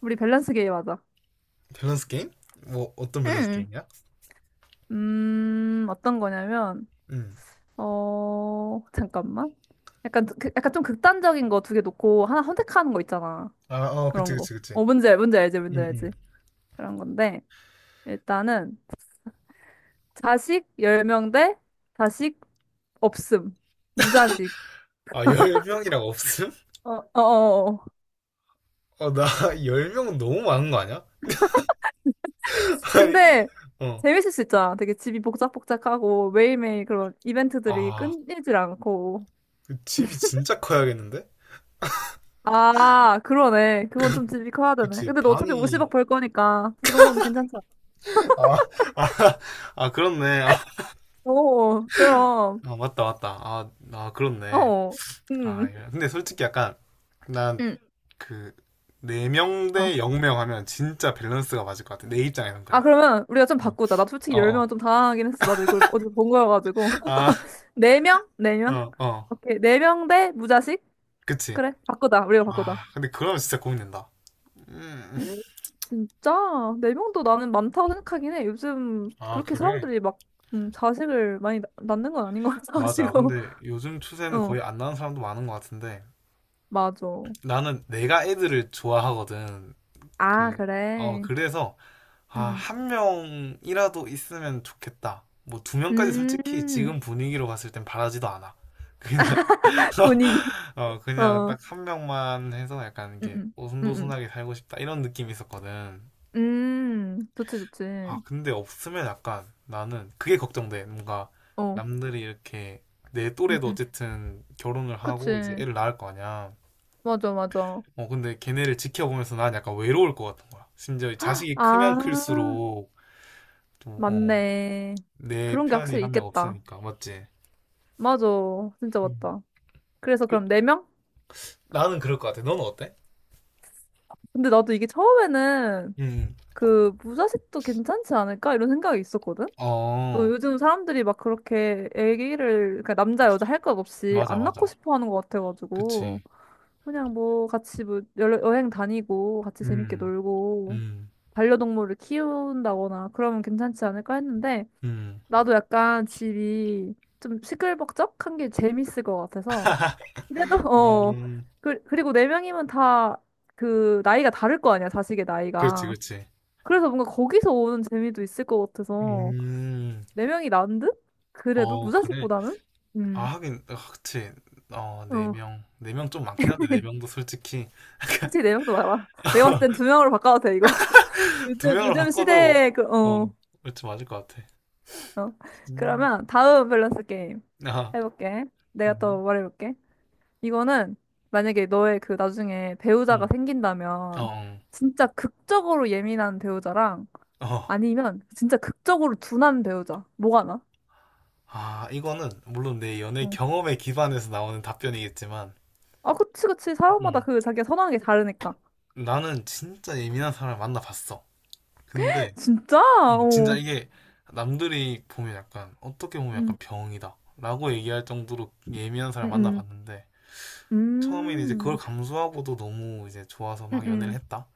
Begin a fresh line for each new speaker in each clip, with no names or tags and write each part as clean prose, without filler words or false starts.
우리 밸런스 게임 하자.
밸런스 게임? 뭐 어떤 밸런스
응.
게임이야?
어떤 거냐면,
응.
잠깐만. 약간, 약간 좀 극단적인 거 2개 놓고 하나 선택하는 거 있잖아.
아, 어, 그치,
그런 거.
그치, 그치.
뭔지 알지, 뭔지
응, 응.
알지. 그런 건데, 일단은, 자식 10명 대 자식 없음. 무자식.
아, 10명이라고 없음?
어, 어, 어. 어.
어, 나 10명은 너무 많은 거 아니야? 아니,
근데,
어.
재밌을 수 있잖아. 되게 집이 복작복작하고, 매일매일 그런 이벤트들이
아,
끊이질 않고.
그 집이 진짜 커야겠는데?
아, 그러네. 그건 좀 집이 커야 되네.
그치,
근데 너 어차피
방이.
50억 벌 거니까 그 정도는 괜찮잖아.
아, 아, 아, 그렇네. 아,
오, 그럼.
아, 맞다, 맞다. 아, 아, 그렇네.
어,
아,
음,
근데 솔직히 약간, 난
음.
그, 4명 대 0 명
어.
대 0명 하면 진짜 밸런스가 맞을 것 같아. 내 입장에선
아,
그래.
그러면 우리가 좀
응.
바꾸자. 나 솔직히
어,
10명은
어.
좀 당황하긴 했어. 나도 이걸 어디서 본 거여가지고.
아,
4명? 4명?
어, 어.
오케이. 4명 대 무자식?
그치.
그래. 바꾸자. 우리가 바꾸자.
아, 근데 그러면 진짜 고민된다. 음.
음, 진짜? 4명도 나는 많다고 생각하긴 해. 요즘
아,
그렇게
그래?
사람들이 막, 자식을 많이 낳는 건 아닌 것
맞아.
같아가지고.
근데 요즘 추세는
어,
거의 안 나는 사람도 많은 것 같은데
맞아.
나는 내가 애들을 좋아하거든.
아,
그, 어,
그래.
그래서 아,
음.
1명이라도 있으면 좋겠다. 뭐 2명까지 솔직히
음,
지금 분위기로 봤을 땐 바라지도 않아. 그냥
분위기.
어, 그냥
어.
딱 1명만 해서 약간 이게
음, 음,
오순도순하게 살고 싶다 이런 느낌이 있었거든.
좋지, 좋지.
아, 근데 없으면 약간 나는 그게 걱정돼. 뭔가
어,
남들이 이렇게 내
음,
또래도
음,
어쨌든 결혼을 하고 이제
그치.
애를 낳을 거 아니야.
맞아, 맞아.
어, 근데 걔네를 지켜보면서 난 약간 외로울 것 같은 거야. 심지어 이 자식이 크면
아,
클수록 또, 어,
맞네.
내
그런 게
편이
확실히
1명
있겠다.
없으니까. 맞지?
맞아. 진짜
음.
맞다. 그래서
그-
그럼 네명.
나는 그럴 것 같아. 너는 어때?
근데 나도 이게 처음에는
음.
그 무자식도 괜찮지 않을까? 이런 생각이 있었거든? 너
어,
요즘 사람들이 막 그렇게 애기를, 그러니까 남자, 여자 할 것 없이
맞아,
안
맞아.
낳고 싶어 하는 것 같아가지고.
그치.
그냥 뭐 같이 뭐 여행 다니고 같이 재밌게
음,
놀고
음,
반려동물을 키운다거나 그러면 괜찮지 않을까 했는데
음.
나도 약간 집이 좀 시끌벅적한 게 재밌을 것 같아서 그래도 어
음,
그리고 4명이면 다 그 나이가 다를 거 아니야, 자식의
그렇지,
나이가.
그렇지.
그래서 뭔가 거기서 오는 재미도 있을 것 같아서
음,
4명이 난 듯? 그래도
어, 그래.
무자식보다는?
아,
음,
하긴, 아, 그치. 어, 네
어.
명. 4명 좀 많긴 한데, 네 명도 솔직히.
솔직히 4명도 많아. 내가 봤을 땐 두 명으로 바꿔도 돼, 이거.
두
요즘,
명으로
요즘
바꿔도,
시대에.
어, 그치, 맞을 것 같아.
어.
음,
그러면 다음 밸런스 게임
아,
해볼게. 내가
음,
또 말해볼게. 이거는 만약에 너의 그 나중에 배우자가
음, 어,
생긴다면 진짜 극적으로 예민한 배우자랑
어.
아니면 진짜 극적으로 둔한 배우자. 뭐가 나?
아, 이거는, 물론 내 연애
어.
경험에 기반해서 나오는 답변이겠지만,
아, 그치, 그치. 사람마다
음,
그 자기가 선호하는 게 다르니까.
나는 진짜 예민한 사람을 만나봤어. 근데,
진짜?
진짜
어.
이게, 남들이 보면 약간, 어떻게 보면 약간
음,
병이다. 라고 얘기할 정도로 예민한
음,
사람을
음.
만나봤는데, 처음에는 이제 그걸
음,
감수하고도 너무 이제 좋아서
응,
막 연애를
응,
했다.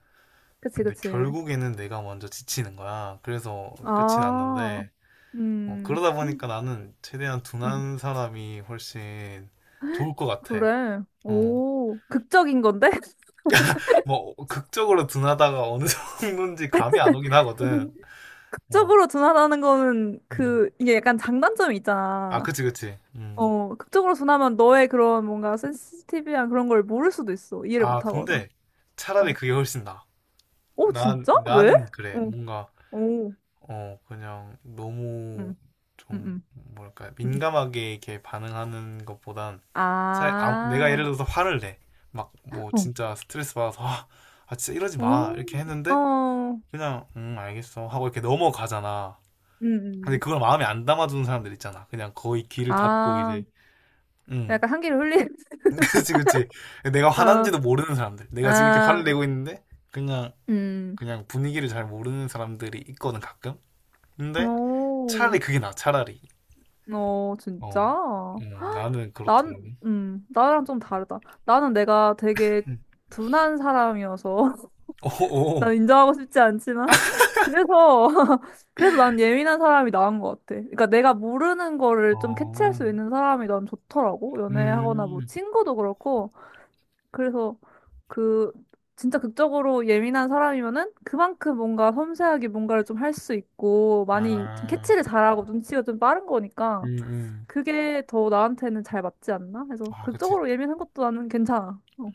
그치,
근데
그치.
결국에는 내가 먼저 지치는 거야. 그래서 끝이
아,
났는데, 어, 그러다
음.
보니까 나는 최대한
음.
둔한 사람이 훨씬 좋을 것 같아.
그래.
어,
오, 극적인 건데?
뭐, 극적으로 둔하다가 어느 정도인지 감이 안 오긴 하거든. 어,
극적으로 둔하다는 거는
음.
이게 약간 장단점이
아,
있잖아.
그치, 그치. 음.
어, 극적으로 둔하면 너의 그런 뭔가 센시티비한 그런 걸 모를 수도 있어. 이해를
아,
못 하거나.
근데 차라리
어.
그게 훨씬 나아.
오,
난,
진짜? 왜?
나는 그래.
어,
뭔가
오.
어, 그냥 너무
음, 음,
좀
음,
뭐랄까
음.
민감하게 이렇게 반응하는 것보단 잘 아, 내가
아,
예를 들어서 화를 내. 막 뭐
어,
진짜 스트레스 받아서 아, 아, 진짜 이러지 마.
오,
이렇게 했는데
어,
그냥 알겠어 하고 이렇게 넘어가잖아.
음,
근데
음.
그걸 마음에 안 담아두는 사람들 있잖아. 그냥 거의 귀를 닫고
아,
이제 음
약간 한기를 흘리,
그치 그치 내가
어,
화난지도 모르는 사람들. 내가 지금 이렇게
아,
화를 내고 있는데 그냥
음,
그냥 분위기를 잘 모르는 사람들이 있거든 가끔. 근데
오,
차라리 그게 나 차라리.
어,
어,
진짜?
어, 나는
난,
그렇더라고.
나랑 좀 다르다. 나는 내가 되게 둔한 사람이어서, 난 인정하고 싶지 않지만, 그래서, 그래서 난 예민한 사람이 나은 것 같아. 그러니까 내가 모르는
어,
거를
어,
좀 캐치할
어,
수 있는 사람이 난 좋더라고. 연애하거나 뭐
음,
친구도 그렇고. 그래서 그, 진짜 극적으로 예민한 사람이면은 그만큼 뭔가 섬세하게 뭔가를 좀 할 수 있고, 많이 좀
아,
캐치를 잘하고 눈치가 좀 빠른 거니까.
음, 음.
그게 더 나한테는 잘 맞지 않나? 그래서
아, 그치.
그쪽으로 예민한 것도 나는 괜찮아. 어.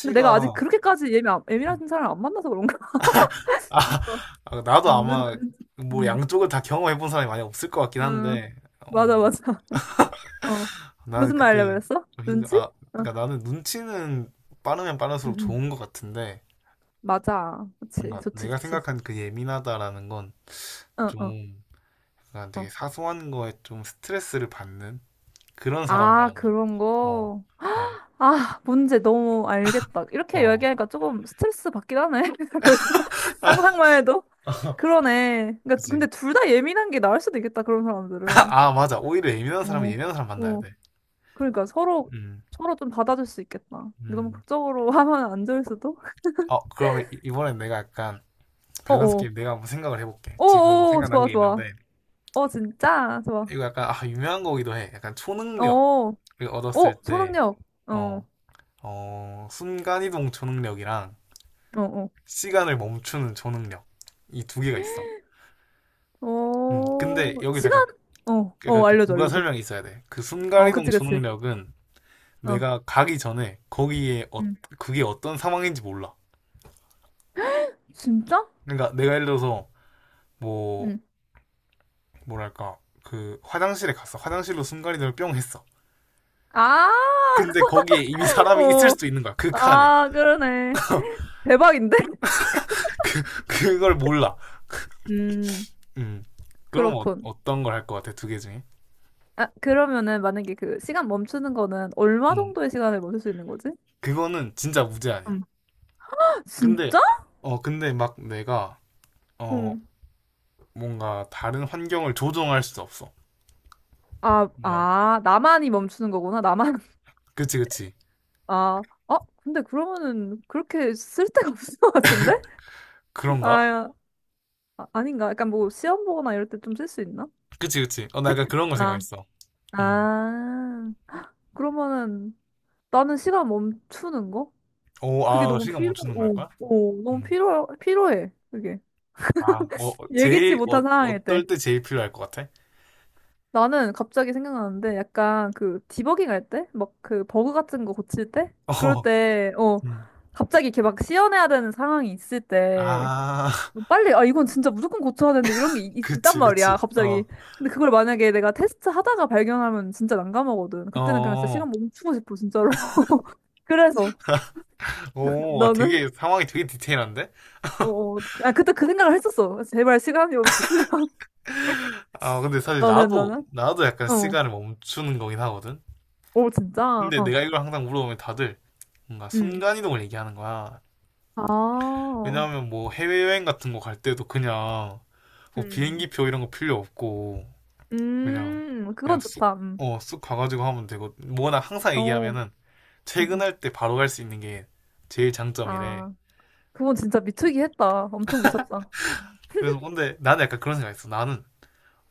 근데 내가 아직 그렇게까지 예민한 사람을 안 만나서 그런가?
아, 아, 나도
음, 눈,
아마
눈,
뭐
음,
양쪽을 다 경험해본 사람이 많이 없을 것 같긴
응.
한데, 어,
맞아, 맞아. 어,
나는
무슨 말 하려고
그때
그랬어?
좀 힘들,
눈치?
아,
어,
그러니까 나는 눈치는 빠르면
응,
빠를수록
응,
좋은 것 같은데,
맞아. 그치,
뭔가
좋지,
내가
좋지.
생각한 그 예민하다라는 건
어,
좀,
어,
그러니까
어.
되게 사소한 거에 좀 스트레스를 받는? 그런 사람을
아,
말하는 거야.
그런
어,
거.
어,
아, 문제 너무 알겠다. 이렇게
어.
얘기하니까 조금 스트레스 받긴 하네. 벌써. 상상만 해도. 그러네. 그러니까
그지.
근데 둘 다 예민한 게 나을 수도 있겠다. 그런 사람들은.
아, 아, 맞아. 오히려 예민한 사람은
어,
예민한 사람 만나야
어.
돼.
그러니까 서로
음,
서로 좀 받아줄 수 있겠다. 이거 너무
음.
극적으로 하면 안 좋을 수도.
어, 그러면 이번엔 내가 약간 밸런스
어어.
게임 내가 한번 생각을 해볼게. 지금
어어.
생각난
좋아
게
좋아.
있는데,
어 진짜 좋아.
이거 약간, 아, 유명한 거기도 해. 약간
어.
초능력을
어
얻었을
어,
때,
초능력.
어,
어.
어, 순간이동 초능력이랑
어어.
시간을 멈추는 초능력. 이 2개가 있어.
어.
근데
어,
여기서
시간.
약간,
어.
약간
어
그
알려줘
부가
알려줘.
설명이 있어야 돼. 그
어
순간이동
그치 그치.
초능력은
어.
내가 가기 전에 거기에 어,
응.
그게 어떤 상황인지 몰라.
진짜?
그러니까 내가 예를 들어서 뭐
응.
뭐랄까 그 화장실에 갔어. 화장실로 순간이동을 뿅 했어.
아.
근데 거기에 이미 사람이 있을
어.
수도 있는 거야. 그 칸에
아 그러네. 대박인데?
그 그걸 몰라.
음.
음. 그럼
그렇군.
어, 떤 걸 할 것 같아 2개 중에?
아, 그러면은 만약에 그 시간 멈추는 거는 얼마
음.
정도의 시간을 멈출 수 있는 거지?
그거는 진짜 무죄 아니야.
음.
근데
진짜?
어 근데 막 내가 어
응.
뭔가 다른 환경을 조종할 수 없어.
아,
그
아, 나만이 멈추는 거구나. 나만.
그치 그치
아, 어? 근데 그러면은 그렇게 쓸 데가 없을 것 같은데?
그런가?
아, 아, 아닌가? 약간 뭐 시험 보거나 이럴 때 좀 쓸 수 있나?
그치 그치. 어 나 약간 그런 거
아,
생각했어. 음.
아, 그러면은 나는 시간 멈추는 거?
오,
그게
아,
너무
시간 못
필요,
주는 걸
어,
거야?
어, 너무
음.
필요, 필요해. 그게.
아, 어,
예기치
제일, 어,
못한 상황일
어떨
때.
때 제일 필요할 것 같아?
나는 갑자기 생각나는데 약간 그 디버깅 할 때? 막 그 버그 같은 거 고칠 때? 그럴
어,
때,
음.
갑자기 이렇게 막 씌어내야 되는 상황이 있을 때
아,
뭐 빨리, 아, 이건 진짜 무조건 고쳐야 되는데 이런 게 있, 단
그치, 그치.
말이야,
어,
갑자기. 근데 그걸 만약에 내가 테스트 하다가 발견하면 진짜 난감하거든. 그때는 그냥 진짜
어,
시간 멈추고 싶어, 진짜로. 그래서
오, 와,
너는?
되게, 상황이 되게 디테일한데?
어, 어, 아, 그때 그 생각을 했었어. 제발 시간이 멈췄으면.
아, 근데 사실
너는,
나도,
너는?
나도 약간
어.
시간을 멈추는 거긴 하거든?
오, 진짜?
근데
어.
내가 이걸 항상 물어보면 다들 뭔가
응.
순간이동을 얘기하는 거야.
아.
왜냐하면 뭐 해외여행 같은 거 갈 때도 그냥 뭐
음,
비행기표 이런 거 필요 없고, 그냥 그냥
그건
쑥,
좋다. 음.
어, 쑥 가가지고 하면 되고 뭐나 항상
어,
얘기하면은
음, 음.
퇴근할 때 바로 갈 수 있는 게 제일 장점이래.
아, 그건 진짜 미치기 했다. 엄청 미쳤다.
그래서 근데 나는 약간 그런 생각했어. 나는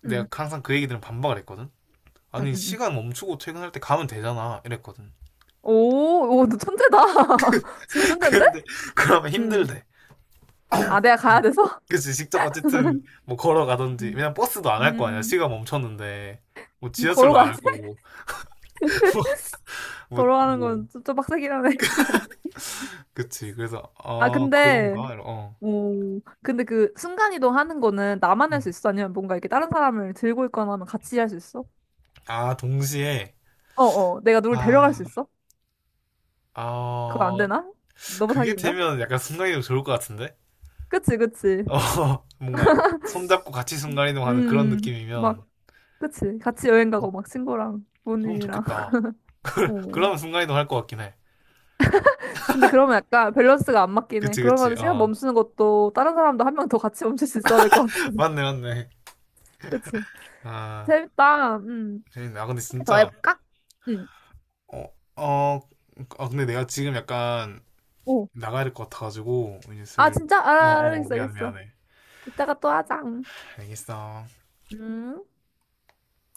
내가
음,
항상 그 얘기들은 반박을 했거든.
음,
아니
음, 음.
시간 멈추고 퇴근할 때 가면 되잖아 이랬거든.
오, 오, 너 천재다. 진짜 천재인데?
근데 그러면
음.
힘들대.
아, 내가 가야 돼서?
그치 직접 어쨌든 뭐 걸어가든지
음,
왜냐면 버스도 안 할 거 아니야
음.
시간 멈췄는데 뭐 지하철도 안
걸어가야 돼?
할 거고 뭐
걸어가는
뭐
건 좀, 빡세긴 하네.
그치 그래서
아,
아
근데,
그런가 어.
오, 근데 그 순간이동 하는 거는 나만 할 수
음.
있어? 아니면 뭔가 이렇게 다른 사람을 들고 있거나 하면 같이 할 수 있어?
아 동시에
어어, 내가 누굴 데려갈 수
아
있어? 그거
아,
안 되나? 너무
그게
사기인가?
되면 약간 순간이동 좋을 것 같은데?
그치, 그치.
어, 뭔가 손잡고 같이 순간이동하는 그런 느낌이면
막, 그치. 같이 여행 가고, 막, 친구랑,
그럼
부모님이랑.
좋겠다.
어.
그러면 순간이동 할 것 같긴 해.
근데 그러면 약간 밸런스가 안 맞긴 해.
그치, 그치.
그러면 시간
어,
멈추는 것도 다른 사람도 1명 더 같이 멈출 수 있어야 될 것 같아.
맞네, 맞네.
그치.
아,
재밌다.
재밌네. 아, 근데
1개 더
진짜,
해볼까? 응
어, 어, 아, 근데 내가 지금 약간
오.
나가야 될 것 같아가지고, 이제
아,
슬,
진짜?
어,
아,
어,
알겠어,
미안,
알겠어.
미안해.
이따가 또 하자. 응.
알겠어.
음.